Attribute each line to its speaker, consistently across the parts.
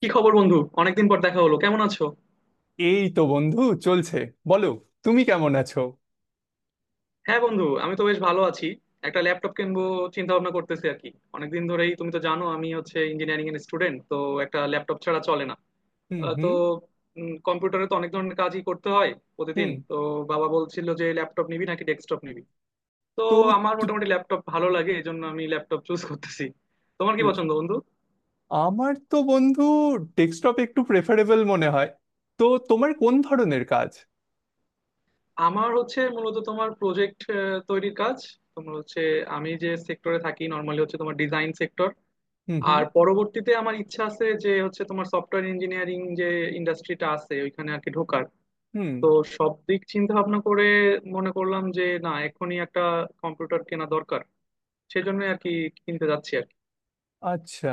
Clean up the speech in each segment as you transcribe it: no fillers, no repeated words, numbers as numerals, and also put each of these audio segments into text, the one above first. Speaker 1: কি খবর বন্ধু? অনেকদিন পর দেখা হলো, কেমন আছো?
Speaker 2: এই তো বন্ধু, চলছে। বলো, তুমি কেমন আছো?
Speaker 1: হ্যাঁ বন্ধু, আমি তো বেশ ভালো আছি। একটা ল্যাপটপ কিনবো, চিন্তা ভাবনা করতেছি আর কি। অনেকদিন ধরেই তুমি তো জানো, আমি হচ্ছে ইঞ্জিনিয়ারিং এর স্টুডেন্ট, তো একটা ল্যাপটপ ছাড়া চলে না।
Speaker 2: হুম
Speaker 1: তো
Speaker 2: হুম
Speaker 1: কম্পিউটারে তো অনেক ধরনের কাজই করতে হয় প্রতিদিন
Speaker 2: হুম।
Speaker 1: তো। বাবা বলছিল যে ল্যাপটপ নিবি নাকি ডেস্কটপ নিবি। তো
Speaker 2: তো
Speaker 1: আমার
Speaker 2: তু-
Speaker 1: মোটামুটি ল্যাপটপ ভালো লাগে, এই জন্য আমি ল্যাপটপ চুজ করতেছি। তোমার কি পছন্দ বন্ধু?
Speaker 2: আমার তো বন্ধু ডেস্কটপ একটু প্রেফারেবল মনে হয়। তো তোমার কোন ধরনের কাজ?
Speaker 1: আমার হচ্ছে মূলত তোমার প্রজেক্ট তৈরির কাজ। তোমার হচ্ছে, আমি যে সেক্টরে থাকি নর্মালি হচ্ছে তোমার ডিজাইন সেক্টর।
Speaker 2: হুম হুম
Speaker 1: আর পরবর্তীতে আমার ইচ্ছা আছে যে হচ্ছে তোমার সফটওয়্যার ইঞ্জিনিয়ারিং যে ইন্ডাস্ট্রিটা আছে ওইখানে আর কি ঢোকার।
Speaker 2: হুম।
Speaker 1: তো সব দিক চিন্তা ভাবনা করে মনে করলাম যে না এখনই একটা কম্পিউটার কেনা দরকার, সেজন্য আর কি কিনতে যাচ্ছি আর কি।
Speaker 2: আচ্ছা,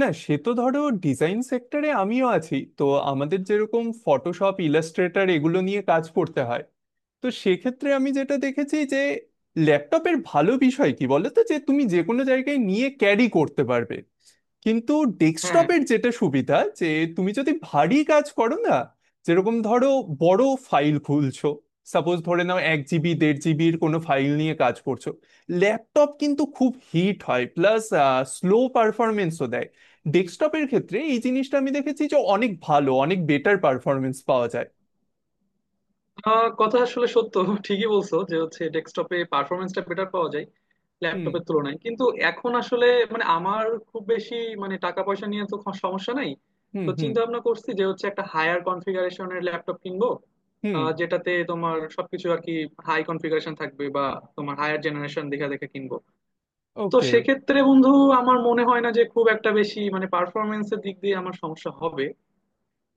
Speaker 2: না সে তো ধরো ডিজাইন সেক্টরে আমিও আছি তো। আমাদের যেরকম ফটোশপ, ইলাস্ট্রেটর এগুলো নিয়ে কাজ করতে হয়। তো সেক্ষেত্রে আমি যেটা দেখেছি যে ল্যাপটপের ভালো বিষয় কি বলো তো, যে তুমি যে কোনো জায়গায় নিয়ে ক্যারি করতে পারবে, কিন্তু
Speaker 1: হ্যাঁ, হ্যাঁ।
Speaker 2: ডেস্কটপের যেটা সুবিধা যে তুমি যদি ভারী কাজ করো না, যেরকম ধরো বড় ফাইল খুলছো, সাপোজ ধরে নাও 1 জিবি 1.5 জিবির কোনো ফাইল নিয়ে কাজ করছো, ল্যাপটপ কিন্তু খুব হিট হয় প্লাস স্লো পারফরমেন্সও দেয়। ডেস্কটপের ক্ষেত্রে এই জিনিসটা আমি দেখেছি যে অনেক ভালো, অনেক বেটার পারফরমেন্স পাওয়া যায়।
Speaker 1: কথা আসলে সত্য। ঠিকই বলছো যে হচ্ছে ডেস্কটপে পারফরমেন্সটা বেটার পাওয়া যায়
Speaker 2: হুম
Speaker 1: ল্যাপটপের তুলনায়, কিন্তু এখন আসলে মানে আমার খুব বেশি মানে টাকা পয়সা নিয়ে তো সমস্যা নাই।
Speaker 2: হুম
Speaker 1: তো
Speaker 2: হুম
Speaker 1: চিন্তা ভাবনা করছি যে হচ্ছে একটা হায়ার কনফিগারেশনের ল্যাপটপ কিনবো।
Speaker 2: হুম।
Speaker 1: যেটাতে তোমার সবকিছু আর কি হাই কনফিগারেশন থাকবে, বা তোমার হায়ার জেনারেশন দেখে দেখে কিনবো। তো
Speaker 2: ওকে।
Speaker 1: সেক্ষেত্রে বন্ধু, আমার মনে হয় না যে খুব একটা বেশি মানে পারফরমেন্সের দিক দিয়ে আমার সমস্যা হবে।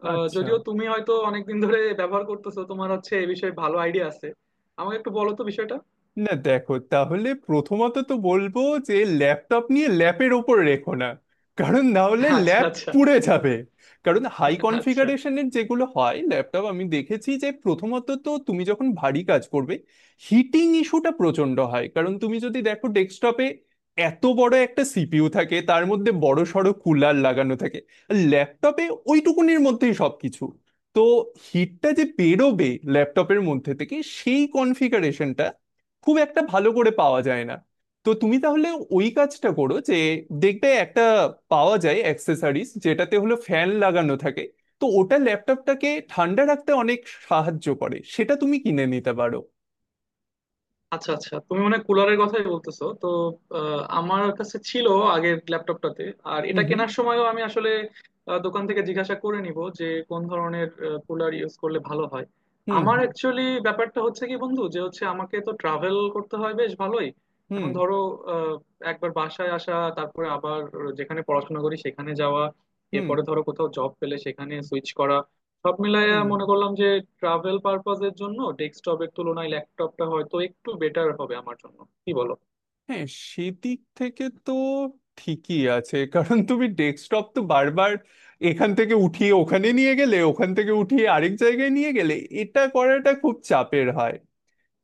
Speaker 2: আচ্ছা,
Speaker 1: যদিও তুমি হয়তো অনেকদিন ধরে ব্যবহার করতেছো, তোমার হচ্ছে এই বিষয়ে ভালো আইডিয়া আছে। আমাকে একটু বলো তো বিষয়টা।
Speaker 2: না দেখো তাহলে প্রথমত তো বলবো যে ল্যাপটপ নিয়ে ল্যাপের ওপর রেখো না, কারণ না হলে
Speaker 1: আচ্ছা,
Speaker 2: ল্যাপ
Speaker 1: আচ্ছা।
Speaker 2: পুড়ে যাবে। কারণ হাই
Speaker 1: আচ্ছা,
Speaker 2: কনফিগারেশনের যেগুলো হয় ল্যাপটপ আমি দেখেছি যে প্রথমত তো তুমি যখন ভারী কাজ করবে, হিটিং ইস্যুটা প্রচন্ড হয়। কারণ তুমি যদি দেখো ডেস্কটপে এত বড় একটা সিপিইউ থাকে, তার মধ্যে বড় সড়ো কুলার লাগানো থাকে। ল্যাপটপে ওইটুকুনির মধ্যেই সবকিছু। তো হিটটা যে বেরোবে ল্যাপটপের মধ্যে থেকে, সেই কনফিগারেশনটা খুব একটা ভালো করে পাওয়া যায় না। তো তুমি তাহলে ওই কাজটা করো যে দেখবে একটা পাওয়া যায় অ্যাক্সেসরিজ যেটাতে হলো ফ্যান লাগানো থাকে। তো ওটা ল্যাপটপটাকে ঠান্ডা রাখতে অনেক সাহায্য করে, সেটা তুমি কিনে নিতে পারো।
Speaker 1: আচ্ছা। আচ্ছা, তুমি মানে কুলারের কথাই বলতেছো তো? আমার কাছে ছিল আগের ল্যাপটপটাতে, আর এটা
Speaker 2: হুম
Speaker 1: কেনার সময়ও আমি আসলে দোকান থেকে জিজ্ঞাসা করে নিব যে কোন ধরনের কুলার ইউজ করলে ভালো হয়।
Speaker 2: হুম
Speaker 1: আমার
Speaker 2: হুম
Speaker 1: অ্যাকচুয়ালি ব্যাপারটা হচ্ছে কি বন্ধু, যে হচ্ছে আমাকে তো ট্রাভেল করতে হয় বেশ ভালোই।
Speaker 2: হুম
Speaker 1: এখন ধরো, আহ, একবার বাসায় আসা, তারপরে আবার যেখানে পড়াশোনা করি সেখানে যাওয়া,
Speaker 2: হুম
Speaker 1: এরপরে ধরো কোথাও জব পেলে সেখানে সুইচ করা। সব মিলাইয়া
Speaker 2: হুম হুম।
Speaker 1: মনে করলাম যে ট্রাভেল পারপাজের জন্য ডেস্কটপের তুলনায় ল্যাপটপটা হয়তো একটু বেটার হবে আমার জন্য, কি বলো?
Speaker 2: হ্যাঁ, সেদিক থেকে তো ঠিকই আছে। কারণ তুমি ডেস্কটপ তো বারবার এখান থেকে উঠিয়ে ওখানে নিয়ে গেলে, ওখান থেকে উঠিয়ে আরেক জায়গায় নিয়ে গেলে, এটা করাটা খুব চাপের হয়।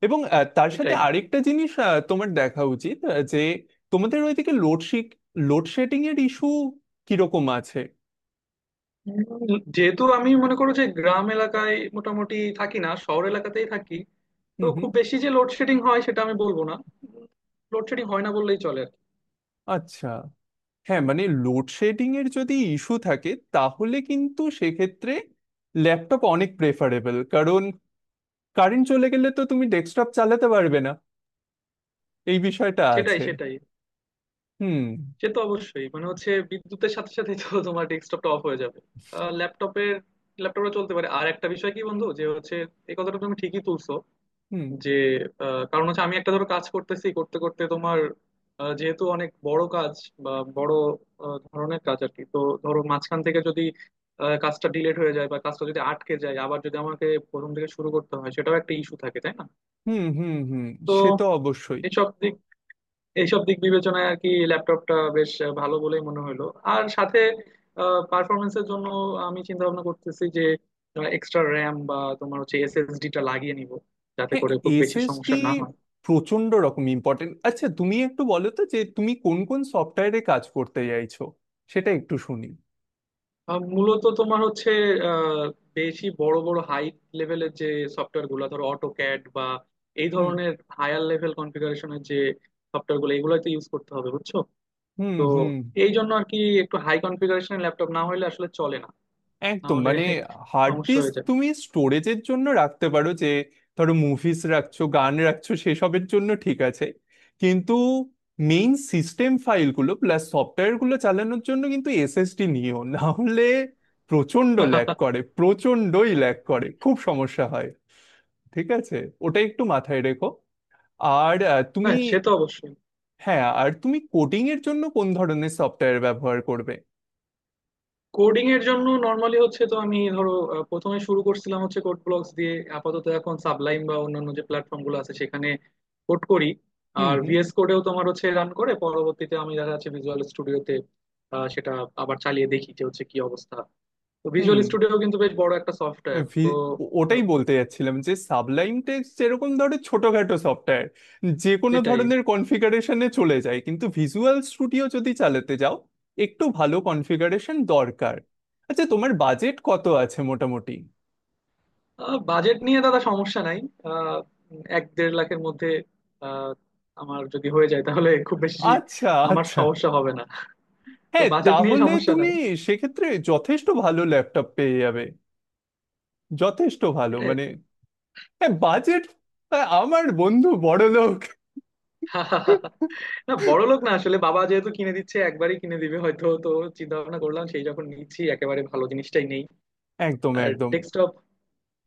Speaker 2: এবং তার সাথে
Speaker 1: এটাই।
Speaker 2: আরেকটা জিনিস তোমার দেখা উচিত যে তোমাদের ওইদিকে লোডশেডিং লোডশেডিং এর ইস্যু কিরকম আছে?
Speaker 1: যেহেতু আমি মনে করো যে গ্রাম এলাকায় মোটামুটি থাকি না, শহর এলাকাতেই থাকি। তো
Speaker 2: হুম হুম।
Speaker 1: খুব বেশি যে লোডশেডিং হয় সেটা আমি বলবো না। লোডশেডিং হয় না বললেই চলে আর কি।
Speaker 2: আচ্ছা, হ্যাঁ মানে লোডশেডিং এর যদি ইস্যু থাকে, তাহলে কিন্তু সেক্ষেত্রে ল্যাপটপ অনেক প্রেফারেবল। কারণ কারেন্ট চলে গেলে তো তুমি ডেস্কটপ চালাতে পারবে না, এই বিষয়টা
Speaker 1: সেটাই,
Speaker 2: আছে।
Speaker 1: সেটাই।
Speaker 2: হুম
Speaker 1: সে তো অবশ্যই, মানে হচ্ছে বিদ্যুতের সাথে সাথে তো তোমার ডেস্কটপটা অফ হয়ে যাবে, ল্যাপটপের ল্যাপটপটা চলতে পারে। আর একটা বিষয় কি বন্ধু, যে হচ্ছে এই কথাটা তুমি ঠিকই তুলছো।
Speaker 2: হুম
Speaker 1: যে কারণ হচ্ছে আমি একটা ধরো কাজ করতেছি, করতে করতে তোমার যেহেতু অনেক বড় কাজ বা বড় ধরনের কাজ আর কি, তো ধরো মাঝখান থেকে যদি কাজটা ডিলেট হয়ে যায় বা কাজটা যদি আটকে যায়, আবার যদি আমাকে প্রথম থেকে শুরু করতে হয় সেটাও একটা ইস্যু থাকে, তাই না?
Speaker 2: হুম হুম হুম।
Speaker 1: তো
Speaker 2: সে তো অবশ্যই।
Speaker 1: এইসব দিক এইসব দিক বিবেচনায় আর কি ল্যাপটপটা বেশ ভালো বলেই মনে হলো। আর সাথে পারফরমেন্সের জন্য আমি চিন্তা ভাবনা করতেছি যে এক্সট্রা র্যাম বা তোমার হচ্ছে এসএসডিটা লাগিয়ে নিব, যাতে
Speaker 2: হ্যাঁ,
Speaker 1: করে খুব বেশি সমস্যা
Speaker 2: এসএসডি
Speaker 1: না হয়।
Speaker 2: প্রচন্ড রকম ইম্পর্টেন্ট। আচ্ছা, তুমি একটু বলো তো যে তুমি কোন কোন সফটওয়্যারে কাজ করতে চাইছো, সেটা একটু শুনি।
Speaker 1: মূলত তোমার হচ্ছে আহ, বেশি বড় বড় হাই লেভেলের যে সফটওয়্যার গুলো ধরো অটোক্যাড বা এই
Speaker 2: হুম
Speaker 1: ধরনের, হায়ার লেভেল কনফিগারেশনের যে সফটওয়্যার গুলো এগুলোতে ইউজ করতে হবে, বুঝছো?
Speaker 2: হুম
Speaker 1: তো
Speaker 2: হুম।
Speaker 1: এই জন্য আর কি একটু হাই কনফিগারেশনের ল্যাপটপ না হলে আসলে চলে না। না
Speaker 2: একদম।
Speaker 1: হলে
Speaker 2: মানে হার্ড
Speaker 1: সমস্যা
Speaker 2: ডিস্ক
Speaker 1: হয়ে যাবে।
Speaker 2: তুমি স্টোরেজের জন্য রাখতে পারো, যে ধরো মুভিজ রাখছো, গান রাখছো, সেসবের জন্য ঠিক আছে, কিন্তু মেইন সিস্টেম ফাইলগুলো প্লাস সফটওয়্যারগুলো চালানোর জন্য কিন্তু এসএসডি নিও, না হলে প্রচন্ড ল্যাগ করে, প্রচন্ডই ল্যাগ করে, খুব সমস্যা হয়। ঠিক আছে, ওটা একটু মাথায় রেখো। আর আহ, তুমি
Speaker 1: হ্যাঁ, সে তো অবশ্যই।
Speaker 2: হ্যাঁ আর তুমি কোডিং এর জন্য কোন ধরনের সফটওয়্যার ব্যবহার করবে?
Speaker 1: কোডিং এর জন্য নর্মালি হচ্ছে তো আমি ধরো প্রথমে শুরু করছিলাম হচ্ছে কোড ব্লকস দিয়ে, আপাতত এখন সাবলাইম বা অন্যান্য যে প্ল্যাটফর্ম গুলো আছে সেখানে কোড করি।
Speaker 2: হুম
Speaker 1: আর
Speaker 2: হুম
Speaker 1: ভিএস কোডেও তোমার হচ্ছে রান করে, পরবর্তীতে আমি দেখা যাচ্ছে ভিজুয়াল স্টুডিওতে সেটা আবার চালিয়ে দেখি যে হচ্ছে কি অবস্থা। তো
Speaker 2: হুম।
Speaker 1: ভিজুয়াল স্টুডিও কিন্তু বেশ বড় একটা সফটওয়্যার তো।
Speaker 2: ভি- ওটাই
Speaker 1: আহ,
Speaker 2: বলতে যাচ্ছিলাম, যে সাবলাইম টেক্সট যেরকম ধরো ছোটখাটো সফটওয়্যার যে কোনো
Speaker 1: এটাই।
Speaker 2: ধরনের কনফিগারেশনে চলে যায়, কিন্তু ভিজুয়াল স্টুডিও যদি চালাতে যাও একটু ভালো কনফিগারেশন দরকার। আচ্ছা, তোমার বাজেট কত আছে মোটামুটি?
Speaker 1: বাজেট নিয়ে দাদা সমস্যা নাই। আহ, এক দেড় লাখের মধ্যে আহ, আমার যদি হয়ে যায় তাহলে খুব বেশি
Speaker 2: আচ্ছা
Speaker 1: আমার
Speaker 2: আচ্ছা।
Speaker 1: সমস্যা হবে না। তো
Speaker 2: হ্যাঁ,
Speaker 1: বাজেট নিয়ে
Speaker 2: তাহলে
Speaker 1: সমস্যা
Speaker 2: তুমি
Speaker 1: নাই।
Speaker 2: সেক্ষেত্রে যথেষ্ট ভালো ল্যাপটপ পেয়ে যাবে। যথেষ্ট ভালো,
Speaker 1: এটা।
Speaker 2: মানে হ্যাঁ, বাজেট। আমার বন্ধু বড়লোক।
Speaker 1: না, বড় লোক না, আসলে বাবা যেহেতু কিনে দিচ্ছে একবারই কিনে দিবে হয়তো, তো চিন্তা ভাবনা করলাম সেই যখন নিচ্ছি একেবারে ভালো জিনিসটাই নেই।
Speaker 2: একদম
Speaker 1: আর
Speaker 2: একদম।
Speaker 1: ডেস্কটপ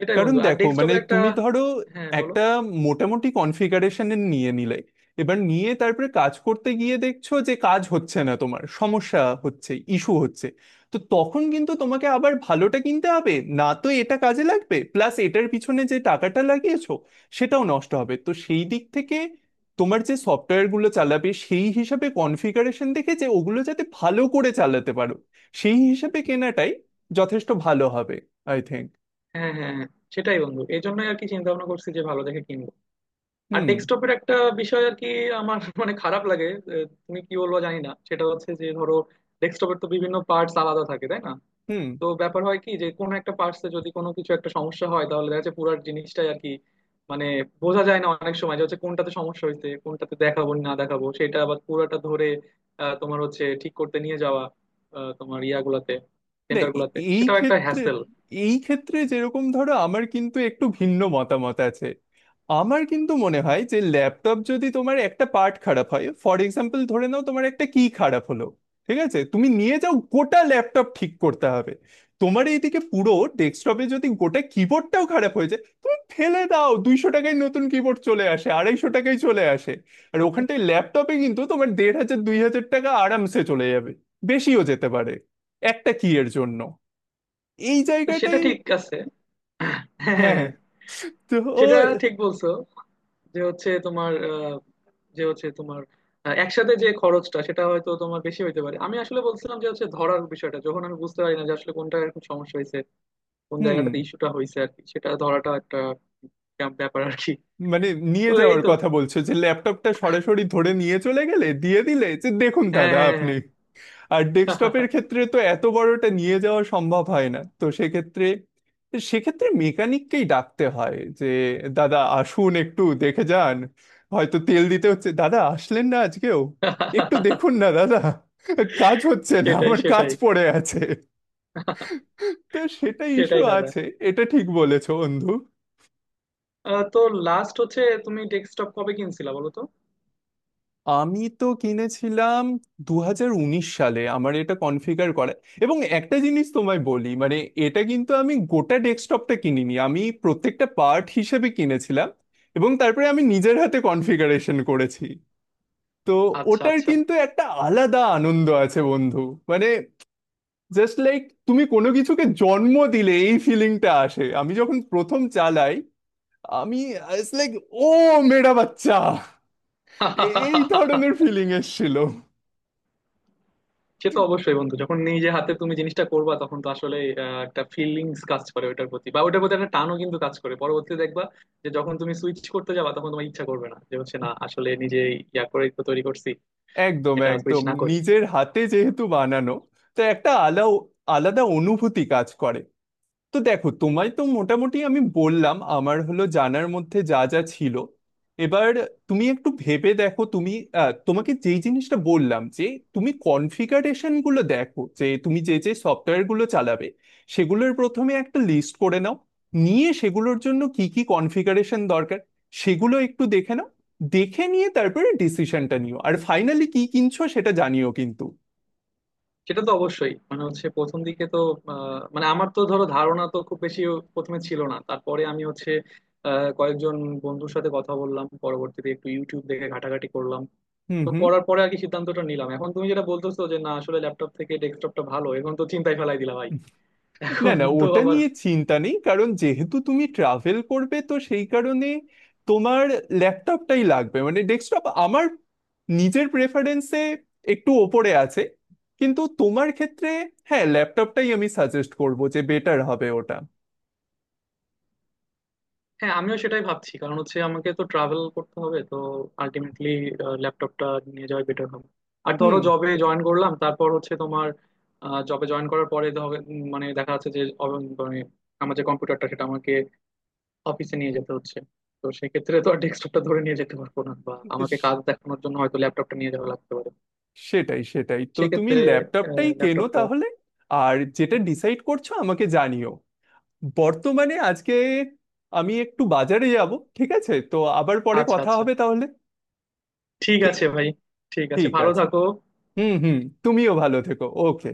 Speaker 1: এটাই
Speaker 2: কারণ
Speaker 1: বন্ধু, আর
Speaker 2: দেখো মানে
Speaker 1: ডেস্কটপের একটা।
Speaker 2: তুমি ধরো
Speaker 1: হ্যাঁ, বলো।
Speaker 2: একটা মোটামুটি কনফিগারেশনের নিয়ে নিলে, এবার নিয়ে তারপরে কাজ করতে গিয়ে দেখছো যে কাজ হচ্ছে না, তোমার সমস্যা হচ্ছে, ইস্যু হচ্ছে, তো তখন কিন্তু তোমাকে আবার ভালোটা কিনতে হবে না, তো এটা কাজে লাগবে প্লাস এটার পিছনে যে টাকাটা লাগিয়েছো সেটাও নষ্ট হবে। তো সেই দিক থেকে তোমার যে সফটওয়্যারগুলো চালাবে, সেই হিসাবে কনফিগারেশন দেখে যে ওগুলো যাতে ভালো করে চালাতে পারো, সেই হিসাবে কেনাটাই যথেষ্ট ভালো হবে, আই থিংক।
Speaker 1: হ্যাঁ, হ্যাঁ, হ্যাঁ। সেটাই বন্ধু, এই জন্যই আর কি চিন্তা ভাবনা করছি যে ভালো দেখে কিনবো। আর
Speaker 2: হুম
Speaker 1: ডেস্কটপের একটা বিষয় আর কি, আমার মানে খারাপ লাগে। তুমি কি বলবো জানি না, সেটা হচ্ছে যে ধরো ডেস্কটপের তো বিভিন্ন পার্টস আলাদা থাকে, তাই না?
Speaker 2: হুম।
Speaker 1: তো ব্যাপার হয় কি, যে কোনো একটা পার্টসে যদি কোনো কিছু একটা সমস্যা হয় তাহলে দেখা যাচ্ছে পুরো জিনিসটাই আর কি, মানে বোঝা যায় না অনেক সময় যে হচ্ছে কোনটাতে সমস্যা হয়েছে কোনটাতে দেখাবো না দেখাবো, সেটা আবার পুরোটা ধরে তোমার হচ্ছে ঠিক করতে নিয়ে যাওয়া তোমার ইয়াগুলাতে,
Speaker 2: না
Speaker 1: সেন্টার
Speaker 2: এ-
Speaker 1: গুলাতে,
Speaker 2: এই
Speaker 1: সেটাও একটা
Speaker 2: ক্ষেত্রে,
Speaker 1: হ্যাসেল।
Speaker 2: এই ক্ষেত্রে যেরকম ধরো আমার কিন্তু একটু ভিন্ন মতামত আছে। আমার কিন্তু মনে হয় যে ল্যাপটপ যদি তোমার একটা পার্ট খারাপ হয়, ফর এক্সাম্পল ধরে নাও তোমার একটা কি খারাপ হলো, ঠিক আছে তুমি নিয়ে যাও, গোটা ল্যাপটপ ঠিক করতে হবে তোমার এইদিকে, পুরো। ডেস্কটপে যদি গোটা কিবোর্ডটাও খারাপ হয়ে যায় তুমি ফেলে দাও, 200 টাকায় নতুন কিবোর্ড চলে আসে, 250 টাকায় চলে আসে। আর ওখানটায় ল্যাপটপে কিন্তু তোমার 1500 2000 টাকা আরামসে চলে যাবে, বেশিও যেতে পারে, একটা কি এর জন্য। এই
Speaker 1: সেটা
Speaker 2: জায়গাটাই।
Speaker 1: ঠিক আছে।
Speaker 2: হ্যাঁ,
Speaker 1: হ্যাঁ,
Speaker 2: তো ও
Speaker 1: সেটা ঠিক বলছো। যে হচ্ছে তোমার আহ, যে হচ্ছে তোমার একসাথে যে খরচটা সেটা হয়তো তোমার বেশি হইতে পারে। আমি আসলে বলছিলাম যে হচ্ছে ধরার বিষয়টা, যখন আমি বুঝতে পারি না যে আসলে কোনটা এখন সমস্যা হয়েছে, কোন
Speaker 2: হুম।
Speaker 1: জায়গাটাতে ইস্যুটা হয়েছে আর কি, সেটা ধরাটা একটা ব্যাপার আর কি।
Speaker 2: মানে
Speaker 1: তো
Speaker 2: নিয়ে
Speaker 1: এই
Speaker 2: যাওয়ার
Speaker 1: তো।
Speaker 2: কথা বলছো যে ল্যাপটপটা সরাসরি ধরে নিয়ে চলে গেলে দিয়ে দিলে যে দেখুন
Speaker 1: হ্যাঁ,
Speaker 2: দাদা
Speaker 1: হ্যাঁ,
Speaker 2: আপনি।
Speaker 1: হ্যাঁ।
Speaker 2: আর
Speaker 1: হ্যাঁ।
Speaker 2: ডেস্কটপের ক্ষেত্রে তো এত বড়টা নিয়ে যাওয়া সম্ভব হয় না, তো সেক্ষেত্রে, সেক্ষেত্রে মেকানিককেই ডাকতে হয় যে দাদা আসুন একটু দেখে যান, হয়তো তেল দিতে হচ্ছে, দাদা আসলেন না আজকেও, একটু দেখুন না দাদা, কাজ হচ্ছে না,
Speaker 1: সেটাই,
Speaker 2: আমার কাজ
Speaker 1: সেটাই।
Speaker 2: পড়ে আছে। তো সেটা ইস্যু
Speaker 1: সেটাই দাদা।
Speaker 2: আছে। এটা ঠিক বলেছো বন্ধু।
Speaker 1: তো লাস্ট হচ্ছে, তুমি ডেস্কটপ কবে কিনছিলা বলো তো?
Speaker 2: আমি তো কিনেছিলাম 2019 সালে, আমার এটা কনফিগার করা। এবং একটা জিনিস তোমায় বলি মানে, এটা কিন্তু আমি গোটা ডেস্কটপটা কিনিনি, আমি প্রত্যেকটা পার্ট হিসেবে কিনেছিলাম এবং তারপরে আমি নিজের হাতে কনফিগারেশন করেছি। তো
Speaker 1: আচ্ছা,
Speaker 2: ওটার
Speaker 1: আচ্ছা।
Speaker 2: কিন্তু একটা আলাদা আনন্দ আছে বন্ধু। মানে, জাস্ট লাইক তুমি কোনো কিছুকে জন্ম দিলে এই ফিলিংটা আসে। আমি যখন প্রথম চালাই, আমি, ইটস লাইক, ও মেয়েটা বাচ্চা, এই ধরনের ফিলিং এসেছিল।
Speaker 1: সে তো অবশ্যই বন্ধু, যখন নিজে হাতে তুমি জিনিসটা করবা তখন তো আসলে একটা ফিলিংস কাজ করে ওটার প্রতি, বা ওটার প্রতি একটা টানও কিন্তু কাজ করে। পরবর্তীতে দেখবা, যে যখন তুমি সুইচ করতে যাবা তখন তোমার ইচ্ছা করবে না যে হচ্ছে না, আসলে নিজে ইয়া করে তো তৈরি করছি,
Speaker 2: একদম
Speaker 1: এটা সুইচ
Speaker 2: একদম।
Speaker 1: না করি।
Speaker 2: নিজের হাতে যেহেতু বানানো, তো একটা আলাদা আলাদা অনুভূতি কাজ করে। তো দেখো, তোমায় তো মোটামুটি আমি বললাম আমার হলো জানার মধ্যে যা যা ছিল। এবার তুমি একটু ভেবে দেখো। তুমি তোমাকে যেই জিনিসটা বললাম যে তুমি কনফিগারেশন গুলো দেখো, যে তুমি যে যে সফটওয়্যার গুলো চালাবে সেগুলোর প্রথমে একটা লিস্ট করে নাও, নিয়ে সেগুলোর জন্য কি কি কনফিগারেশন দরকার সেগুলো একটু দেখে নাও। দেখে নিয়ে তারপরে ডিসিশনটা নিও, আর ফাইনালি কি কিনছো সেটা জানিও কিন্তু।
Speaker 1: সেটা তো অবশ্যই, মানে হচ্ছে প্রথম দিকে তো মানে আমার তো ধরো ধারণা তো খুব বেশি প্রথমে ছিল না, তারপরে আমি হচ্ছে কয়েকজন বন্ধুর সাথে কথা বললাম, পরবর্তীতে একটু ইউটিউব দেখে ঘাটাঘাটি করলাম।
Speaker 2: হুম
Speaker 1: তো
Speaker 2: হুম।
Speaker 1: করার পরে আর কি সিদ্ধান্তটা নিলাম। এখন তুমি যেটা বলতেছো যে না আসলে ল্যাপটপ থেকে ডেস্কটপটা ভালো, এখন তো চিন্তায় ফেলাই দিলা ভাই।
Speaker 2: না
Speaker 1: এখন
Speaker 2: না,
Speaker 1: তো
Speaker 2: ওটা
Speaker 1: আবার।
Speaker 2: নিয়ে চিন্তা নেই। কারণ যেহেতু তুমি ট্রাভেল করবে তো সেই কারণে তোমার ল্যাপটপটাই লাগবে। মানে ডেস্কটপ আমার নিজের প্রেফারেন্সে একটু ওপরে আছে, কিন্তু তোমার ক্ষেত্রে হ্যাঁ, ল্যাপটপটাই আমি সাজেস্ট করব, যে বেটার হবে ওটা।
Speaker 1: হ্যাঁ, আমিও সেটাই ভাবছি, কারণ হচ্ছে আমাকে তো ট্রাভেল করতে হবে, তো আলটিমেটলি ল্যাপটপটা নিয়ে যাওয়াই বেটার হবে। আর ধরো
Speaker 2: হুম।
Speaker 1: জবে জয়েন করলাম, তারপর হচ্ছে তোমার জবে জয়েন করার পরে ধর মানে দেখা যাচ্ছে যে মানে আমার যে কম্পিউটারটা সেটা আমাকে অফিসে নিয়ে যেতে হচ্ছে। তো সেক্ষেত্রে তো আর ডেস্কটপটা ধরে নিয়ে যেতে পারবো না, বা আমাকে
Speaker 2: স-
Speaker 1: কাজ দেখানোর জন্য হয়তো ল্যাপটপটা নিয়ে যাওয়া লাগতে পারে।
Speaker 2: সেটাই সেটাই, তো তুমি
Speaker 1: সেক্ষেত্রে
Speaker 2: ল্যাপটপটাই কেনো
Speaker 1: ল্যাপটপটা।
Speaker 2: তাহলে। আর যেটা ডিসাইড করছো আমাকে জানিও। বর্তমানে আজকে আমি একটু বাজারে যাব, ঠিক আছে? তো আবার পরে
Speaker 1: আচ্ছা,
Speaker 2: কথা
Speaker 1: আচ্ছা।
Speaker 2: হবে তাহলে।
Speaker 1: ঠিক
Speaker 2: ঠিক,
Speaker 1: আছে ভাই। ঠিক আছে,
Speaker 2: ঠিক
Speaker 1: ভালো
Speaker 2: আছে।
Speaker 1: থাকো।
Speaker 2: হুম হুম। তুমিও ভালো থেকো, ওকে।